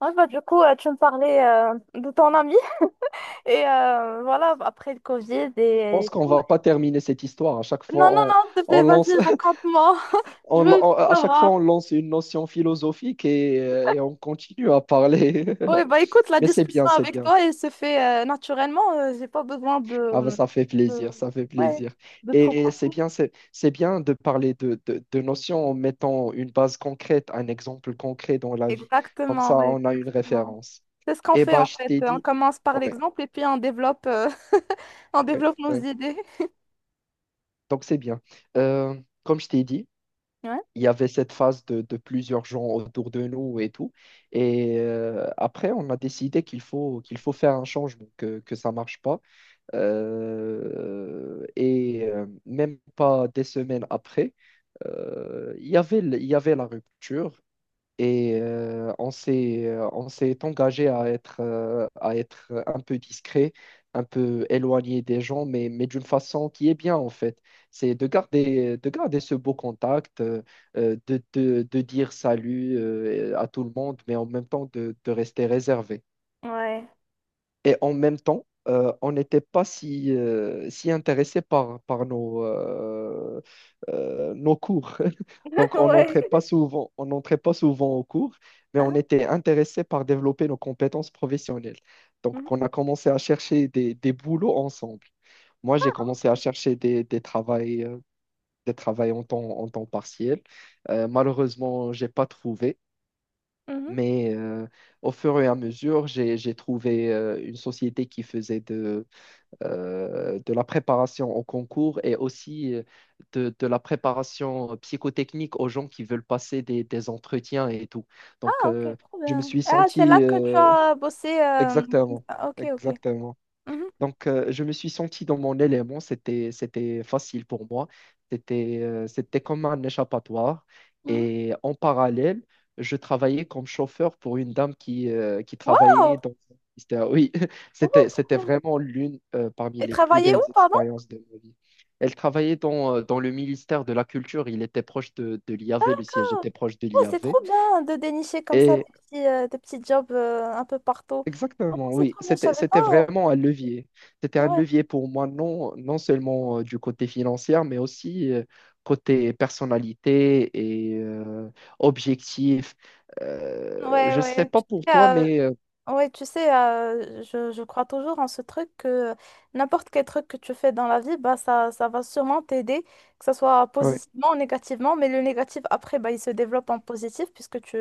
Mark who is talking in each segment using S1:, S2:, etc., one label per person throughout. S1: Ouais, bah, du coup, tu me parlais de ton ami et voilà, après le Covid
S2: Je pense
S1: et
S2: qu'on
S1: tout.
S2: va pas terminer cette histoire. À chaque
S1: Non,
S2: fois,
S1: non,
S2: on,
S1: non, s'il te plaît,
S2: on lance,
S1: vas-y, raconte-moi. Je veux tout
S2: à chaque fois,
S1: savoir.
S2: on lance une notion philosophique et on continue à parler.
S1: Oui, bah écoute, la
S2: Mais c'est
S1: discussion
S2: bien, c'est
S1: avec
S2: bien.
S1: toi, elle se fait naturellement. J'ai pas besoin
S2: Ah ben, ça fait
S1: de...
S2: plaisir, ça fait
S1: Ouais,
S2: plaisir.
S1: de trop.
S2: Et c'est bien, c'est bien de parler de notions en mettant une base concrète, un exemple concret dans la vie. Comme
S1: Exactement,
S2: ça,
S1: oui,
S2: on a une
S1: exactement.
S2: référence.
S1: C'est ce qu'on
S2: Et
S1: fait
S2: bah,
S1: en
S2: je
S1: fait.
S2: t'ai
S1: On
S2: dit,
S1: commence par
S2: ouais,
S1: l'exemple et puis on développe, on
S2: ouais,
S1: développe nos
S2: ouais.
S1: idées.
S2: Donc c'est bien. Euh, comme je t'ai dit.
S1: Ouais.
S2: Il y avait cette phase de plusieurs gens autour de nous et tout. Et après, on a décidé qu'il faut faire un changement, que ça ne marche pas. Et même pas des semaines après, il y avait la rupture. Et on s'est engagé à être un peu discret, un peu éloigné des gens, mais d'une façon qui est bien en fait. C'est de garder ce beau contact, de dire salut à tout le monde, mais en même temps de rester réservé.
S1: Ouais.
S2: Et en même temps, on n'était pas si intéressé par nos cours. Donc, on
S1: Ouais.
S2: n'entrait pas souvent, on n'entrait pas souvent aux cours, mais
S1: Hein?
S2: on était intéressé par développer nos compétences professionnelles. Donc,
S1: Mhm.
S2: on a commencé à chercher des boulots ensemble. Moi, j'ai commencé à chercher des travails en temps partiel. Malheureusement, je n'ai pas trouvé,
S1: Mhm.
S2: mais au fur et à mesure, j'ai trouvé une société qui faisait de la préparation au concours et aussi de la préparation psychotechnique aux gens qui veulent passer des entretiens et tout. Donc,
S1: Ah, ok, trop
S2: je me
S1: bien.
S2: suis
S1: Ah, c'est
S2: senti
S1: là que tu as bossé, comme
S2: exactement,
S1: ça. Ok, ok.
S2: exactement.
S1: Mhm,
S2: Donc, je me suis senti dans mon élément, c'était facile pour moi, c'était comme un échappatoire.
S1: mhm.
S2: Et en parallèle, je travaillais comme chauffeur pour une dame qui
S1: Waouh!
S2: travaillait dans. Oui,
S1: Oh,
S2: c'était,
S1: trop
S2: c'était
S1: bien.
S2: vraiment l'une parmi
S1: Et
S2: les plus
S1: travailler où,
S2: belles
S1: pardon?
S2: expériences de ma vie. Elle travaillait dans le ministère de la Culture, il était proche de l'IAV, le siège était proche de
S1: Oh, c'est
S2: l'IAV.
S1: trop bien de dénicher comme ça des petits, des petits jobs un peu partout. Franchement,
S2: Exactement,
S1: c'est
S2: oui.
S1: trop bien, je
S2: C'était,
S1: savais pas.
S2: c'était vraiment un levier. C'était un
S1: Ouais,
S2: levier pour moi, non, non seulement du côté financier, mais aussi côté personnalité et objectif. Euh,
S1: ouais,
S2: je ne sais
S1: ouais.
S2: pas pour
S1: Sais,
S2: toi,
S1: euh,
S2: mais
S1: Oui, tu sais, je crois toujours en ce truc que n'importe quel truc que tu fais dans la vie, bah, ça va sûrement t'aider, que ce soit
S2: ouais,
S1: positivement ou négativement, mais le négatif, après, bah, il se développe en positif puisque tu,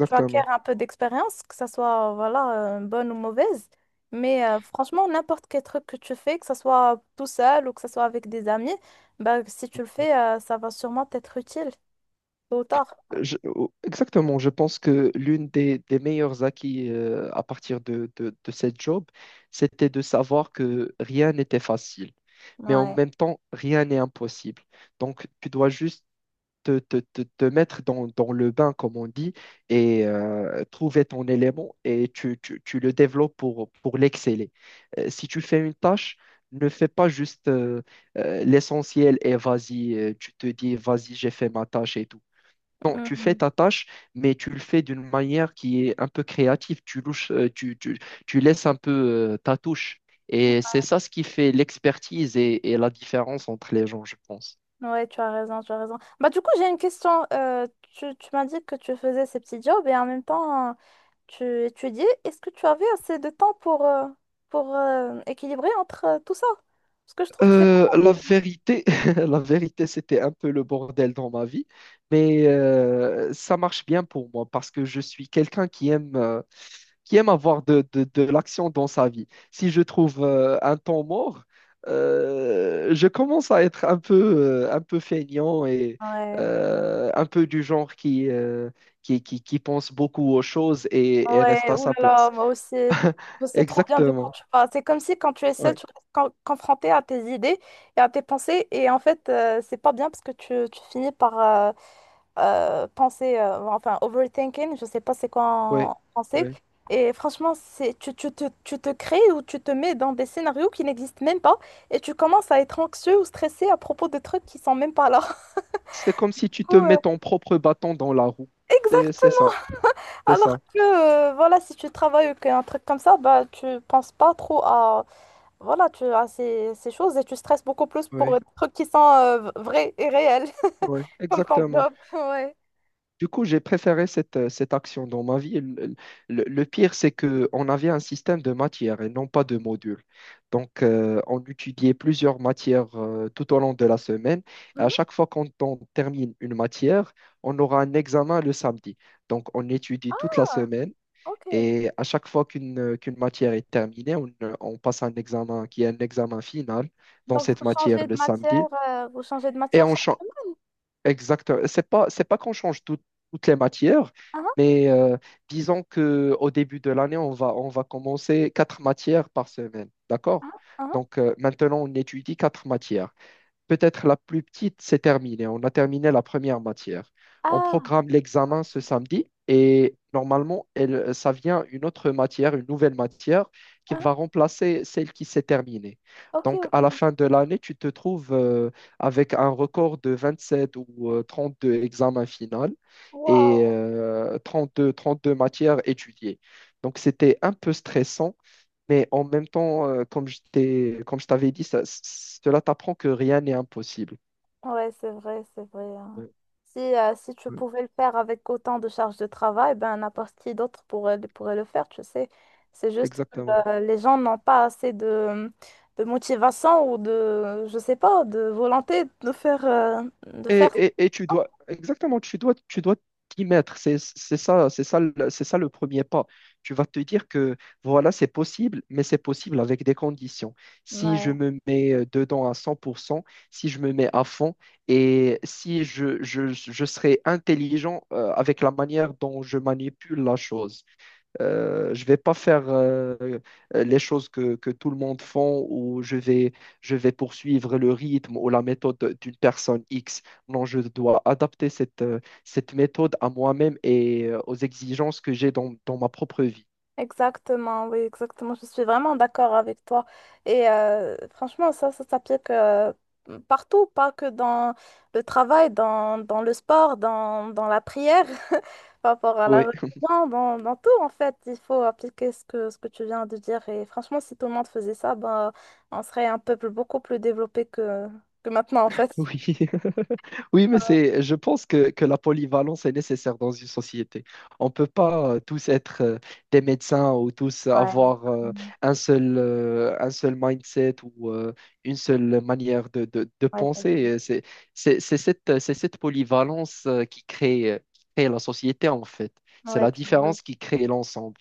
S1: tu acquiers un peu d'expérience, que ce soit voilà, bonne ou mauvaise. Mais franchement, n'importe quel truc que tu fais, que ce soit tout seul ou que ce soit avec des amis, bah, si tu le fais, ça va sûrement t'être utile, tôt ou tard.
S2: Oh, exactement, je pense que l'une des meilleurs acquis à partir de cette job, c'était de savoir que rien n'était facile mais en
S1: Ouais.
S2: même temps, rien n'est impossible. Donc, tu dois juste te mettre dans le bain, comme on dit, et trouver ton élément et tu le développes pour l'exceller. Si tu fais une tâche, ne fais pas juste l'essentiel et vas-y, tu te dis, vas-y, j'ai fait ma tâche et tout. Non, tu fais
S1: Mhm.
S2: ta tâche, mais tu le fais d'une manière qui est un peu créative. Tu louches, tu laisses un peu ta touche. Et c'est ça ce qui fait l'expertise et la différence entre les gens, je pense.
S1: Ouais, tu as raison, tu as raison. Bah, du coup, j'ai une question. Tu m'as dit que tu faisais ces petits jobs et en même temps, tu étudiais. Est-ce que tu avais assez de temps pour, équilibrer entre tout ça? Parce que je trouve que c'est
S2: Euh,
S1: pas...
S2: la vérité, la vérité, c'était un peu le bordel dans ma vie, mais ça marche bien pour moi parce que je suis quelqu'un qui aime avoir de l'action dans sa vie. Si je trouve un temps mort, je commence à être un peu feignant et
S1: Ouais,
S2: un peu du genre qui pense beaucoup aux choses et reste
S1: ouais,
S2: à sa
S1: oulala,
S2: place.
S1: moi aussi. Je sais trop bien de quoi
S2: Exactement.
S1: tu parles. C'est comme si quand tu es seule,
S2: Ouais,
S1: tu restes confrontée à tes idées et à tes pensées. Et en fait, c'est pas bien parce que tu finis par, enfin overthinking, je sais pas c'est quoi
S2: ouais,
S1: en français.
S2: ouais.
S1: Et franchement, c'est tu te crées ou tu te mets dans des scénarios qui n'existent même pas et tu commences à être anxieux ou stressé à propos de trucs qui sont même pas là.
S2: C'est comme si tu
S1: Du
S2: te
S1: coup,
S2: mets ton propre bâton dans la roue. C'est
S1: exactement.
S2: ça, c'est ça.
S1: Alors que voilà, si tu travailles ou qu'un truc comme ça, bah tu penses pas trop à voilà, tu à ces choses et tu stresses beaucoup plus pour
S2: Oui,
S1: des trucs qui sont vrais et réels
S2: oui,
S1: comme ton
S2: exactement.
S1: job. Ouais.
S2: Du coup, j'ai préféré cette action dans ma vie. Le pire, c'est qu'on avait un système de matières et non pas de modules. Donc, on étudiait plusieurs matières tout au long de la semaine. Et à
S1: Mhm.
S2: chaque fois qu'on on termine une matière, on aura un examen le samedi. Donc, on étudie toute la
S1: Ah,
S2: semaine.
S1: ok.
S2: Et à chaque fois qu'une matière est terminée, on passe un examen qui est un examen final dans
S1: Donc,
S2: cette matière le samedi.
S1: vous changez de
S2: Et
S1: matière
S2: on
S1: chaque
S2: change.
S1: semaine.
S2: Exactement. C'est pas qu'on change toutes les matières,
S1: Hein?
S2: mais disons qu'au début de l'année, on va commencer quatre matières par semaine. D'accord?
S1: Hein? Hein?
S2: Donc maintenant, on étudie quatre matières. Peut-être la plus petite, c'est terminé. On a terminé la première matière. On
S1: Ah,
S2: programme
S1: o-
S2: l'examen ce samedi et normalement, ça vient une autre matière, une nouvelle matière qui
S1: hein?
S2: va remplacer celle qui s'est terminée.
S1: Ok,
S2: Donc,
S1: ok.
S2: à la fin de l'année, tu te trouves avec un record de 27 ou 32 examens finaux et
S1: Wow.
S2: 32, 32 matières étudiées. Donc, c'était un peu stressant mais en même temps, comme je t'ai, comme je t'avais dit, cela t'apprend que rien n'est impossible.
S1: Ouais, c'est vrai, c'est vrai. Hein.
S2: Ouais,
S1: Si tu
S2: ouais.
S1: pouvais le faire avec autant de charges de travail, ben n'importe qui d'autre pourrait, pourrait le faire, tu sais. C'est juste que
S2: Exactement.
S1: les gens n'ont pas assez de, motivation ou de, je sais pas, de volonté de faire, euh, de
S2: Et,
S1: faire.
S2: et, et tu dois, exactement, tu dois t'y mettre. C'est ça, c'est ça, c'est ça le premier pas. Tu vas te dire que voilà, c'est possible, mais c'est possible avec des conditions. Si je
S1: Ouais.
S2: me mets dedans à 100%, si je me mets à fond et si je serai intelligent avec la manière dont je manipule la chose. Je vais pas faire les choses que tout le monde font ou je vais, poursuivre le rythme ou la méthode d'une personne X. Non, je dois adapter cette méthode à moi-même et aux exigences que j'ai dans ma propre vie.
S1: Exactement, oui, exactement. Je suis vraiment d'accord avec toi. Et franchement, ça s'applique partout, pas que dans le travail, dans le sport, dans la prière, par rapport à la
S2: Oui.
S1: religion, dans tout, en fait. Il faut appliquer ce que tu viens de dire. Et franchement, si tout le monde faisait ça, ben, on serait un peuple beaucoup plus développé que, maintenant, en fait.
S2: Oui, oui, mais c'est, je pense que la polyvalence est nécessaire dans une société. On ne peut pas tous être des médecins ou tous
S1: Ouais,
S2: avoir un seul mindset ou une seule manière de
S1: ouais,
S2: penser. Et c'est cette polyvalence qui crée la société, en fait. C'est
S1: ouais,
S2: la
S1: tu as raison.
S2: différence qui crée l'ensemble.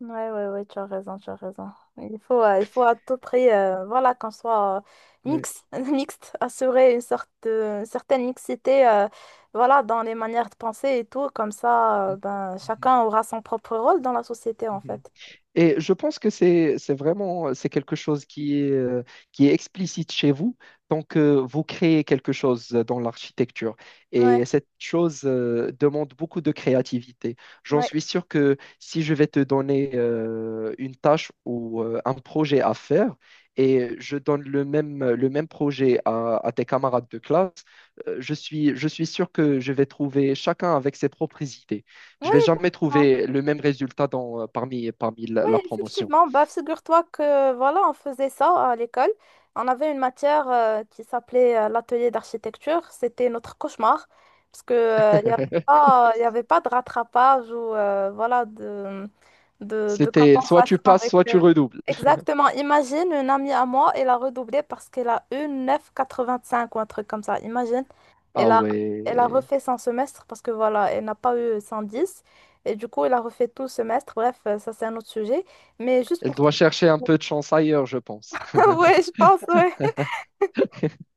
S1: Ouais, ouais, ouais, tu as raison, tu as raison. Il faut à tout prix, voilà, qu'on soit
S2: Oui.
S1: mix mixte, assurer une sorte une certaine mixité, voilà, dans les manières de penser et tout, comme ça,
S2: Mhm,
S1: ben, chacun aura son propre rôle dans la société,
S2: mhm,
S1: en
S2: mhm.
S1: fait.
S2: Et je pense que c'est quelque chose qui est explicite chez vous tant que vous créez quelque chose dans l'architecture. Et
S1: Ouais,
S2: cette chose demande beaucoup de créativité. J'en
S1: ouais,
S2: suis sûr que si je vais te donner une tâche ou un projet à faire et je donne le même projet à tes camarades de classe, je suis sûr que je vais trouver chacun avec ses propres idées. Je
S1: ouais,
S2: vais jamais
S1: effectivement.
S2: trouver le même résultat parmi la,
S1: Oui,
S2: la promotion.
S1: effectivement, bah, figure-toi que voilà, on faisait ça à l'école. On avait une matière qui s'appelait l'atelier d'architecture. C'était notre cauchemar parce que il y avait pas de rattrapage ou voilà de,
S2: C'était soit
S1: compensation
S2: tu passes,
S1: avec.
S2: soit tu redoubles.
S1: Exactement. Imagine une amie à moi, elle a redoublé parce qu'elle a eu 9,85 ou un truc comme ça. Imagine, elle
S2: Ah
S1: a, elle a
S2: ouais.
S1: refait son semestre parce que voilà, elle n'a pas eu 110. Et du coup, il a refait tout le semestre. Bref, ça, c'est un autre sujet. Mais juste
S2: Elle
S1: pour toi.
S2: doit chercher un peu de chance ailleurs, je pense.
S1: Ouais, je pense, ouais.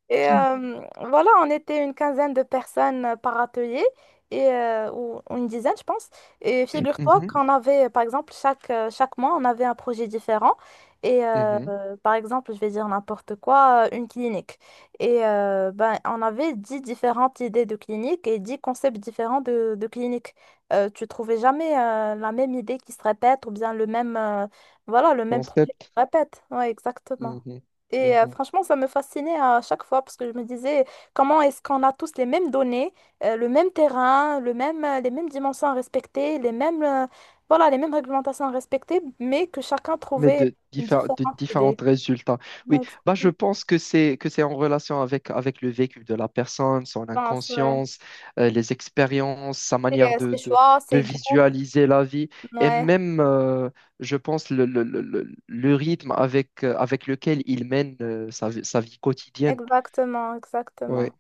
S1: Et voilà, on était une quinzaine de personnes par atelier, ou une dizaine, je pense. Et figure-toi
S2: Mhm,
S1: qu'on avait, par exemple, chaque mois, on avait un projet différent. Et
S2: mhm.
S1: par exemple, je vais dire n'importe quoi, une clinique. Et ben, on avait 10 différentes idées de clinique et 10 concepts différents de, clinique. Tu trouvais jamais la même idée qui se répète ou bien voilà, le même projet qui
S2: Concept.
S1: se répète. Ouais, exactement.
S2: Mhm,
S1: Et
S2: mhm.
S1: franchement, ça me fascinait à chaque fois parce que je me disais, comment est-ce qu'on a tous les mêmes données, le même terrain, les mêmes dimensions à respecter, voilà, les mêmes réglementations à respecter, mais que chacun
S2: mais
S1: trouvait
S2: de,
S1: une
S2: diffé- de
S1: différente
S2: différents
S1: idée.
S2: résultats.
S1: Ouais,
S2: Oui, bah,
S1: exactement.
S2: je pense que c'est en relation avec le vécu de la personne, son
S1: Je pense, ouais.
S2: inconscience, les expériences, sa
S1: C'est
S2: manière de,
S1: ses
S2: de,
S1: choix,
S2: de
S1: ses goûts.
S2: visualiser la vie et
S1: Ouais,
S2: même, je pense, le rythme avec lequel il mène sa vie quotidienne.
S1: exactement,
S2: Oui,
S1: exactement.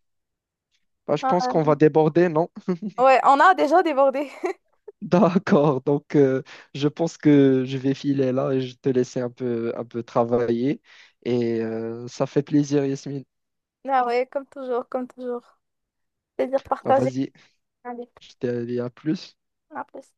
S2: bah, je
S1: Ah,
S2: pense qu'on va déborder, non?
S1: ouais, ouais, on a déjà débordé.
S2: D'accord, donc je pense que je vais filer là et je te laisser un peu travailler. Et ça fait plaisir, Yasmine.
S1: Ah ouais, comme toujours, comme toujours. Plaisir
S2: Bah,
S1: partagé.
S2: vas-y,
S1: Allez,
S2: je te dis à plus.
S1: à plus.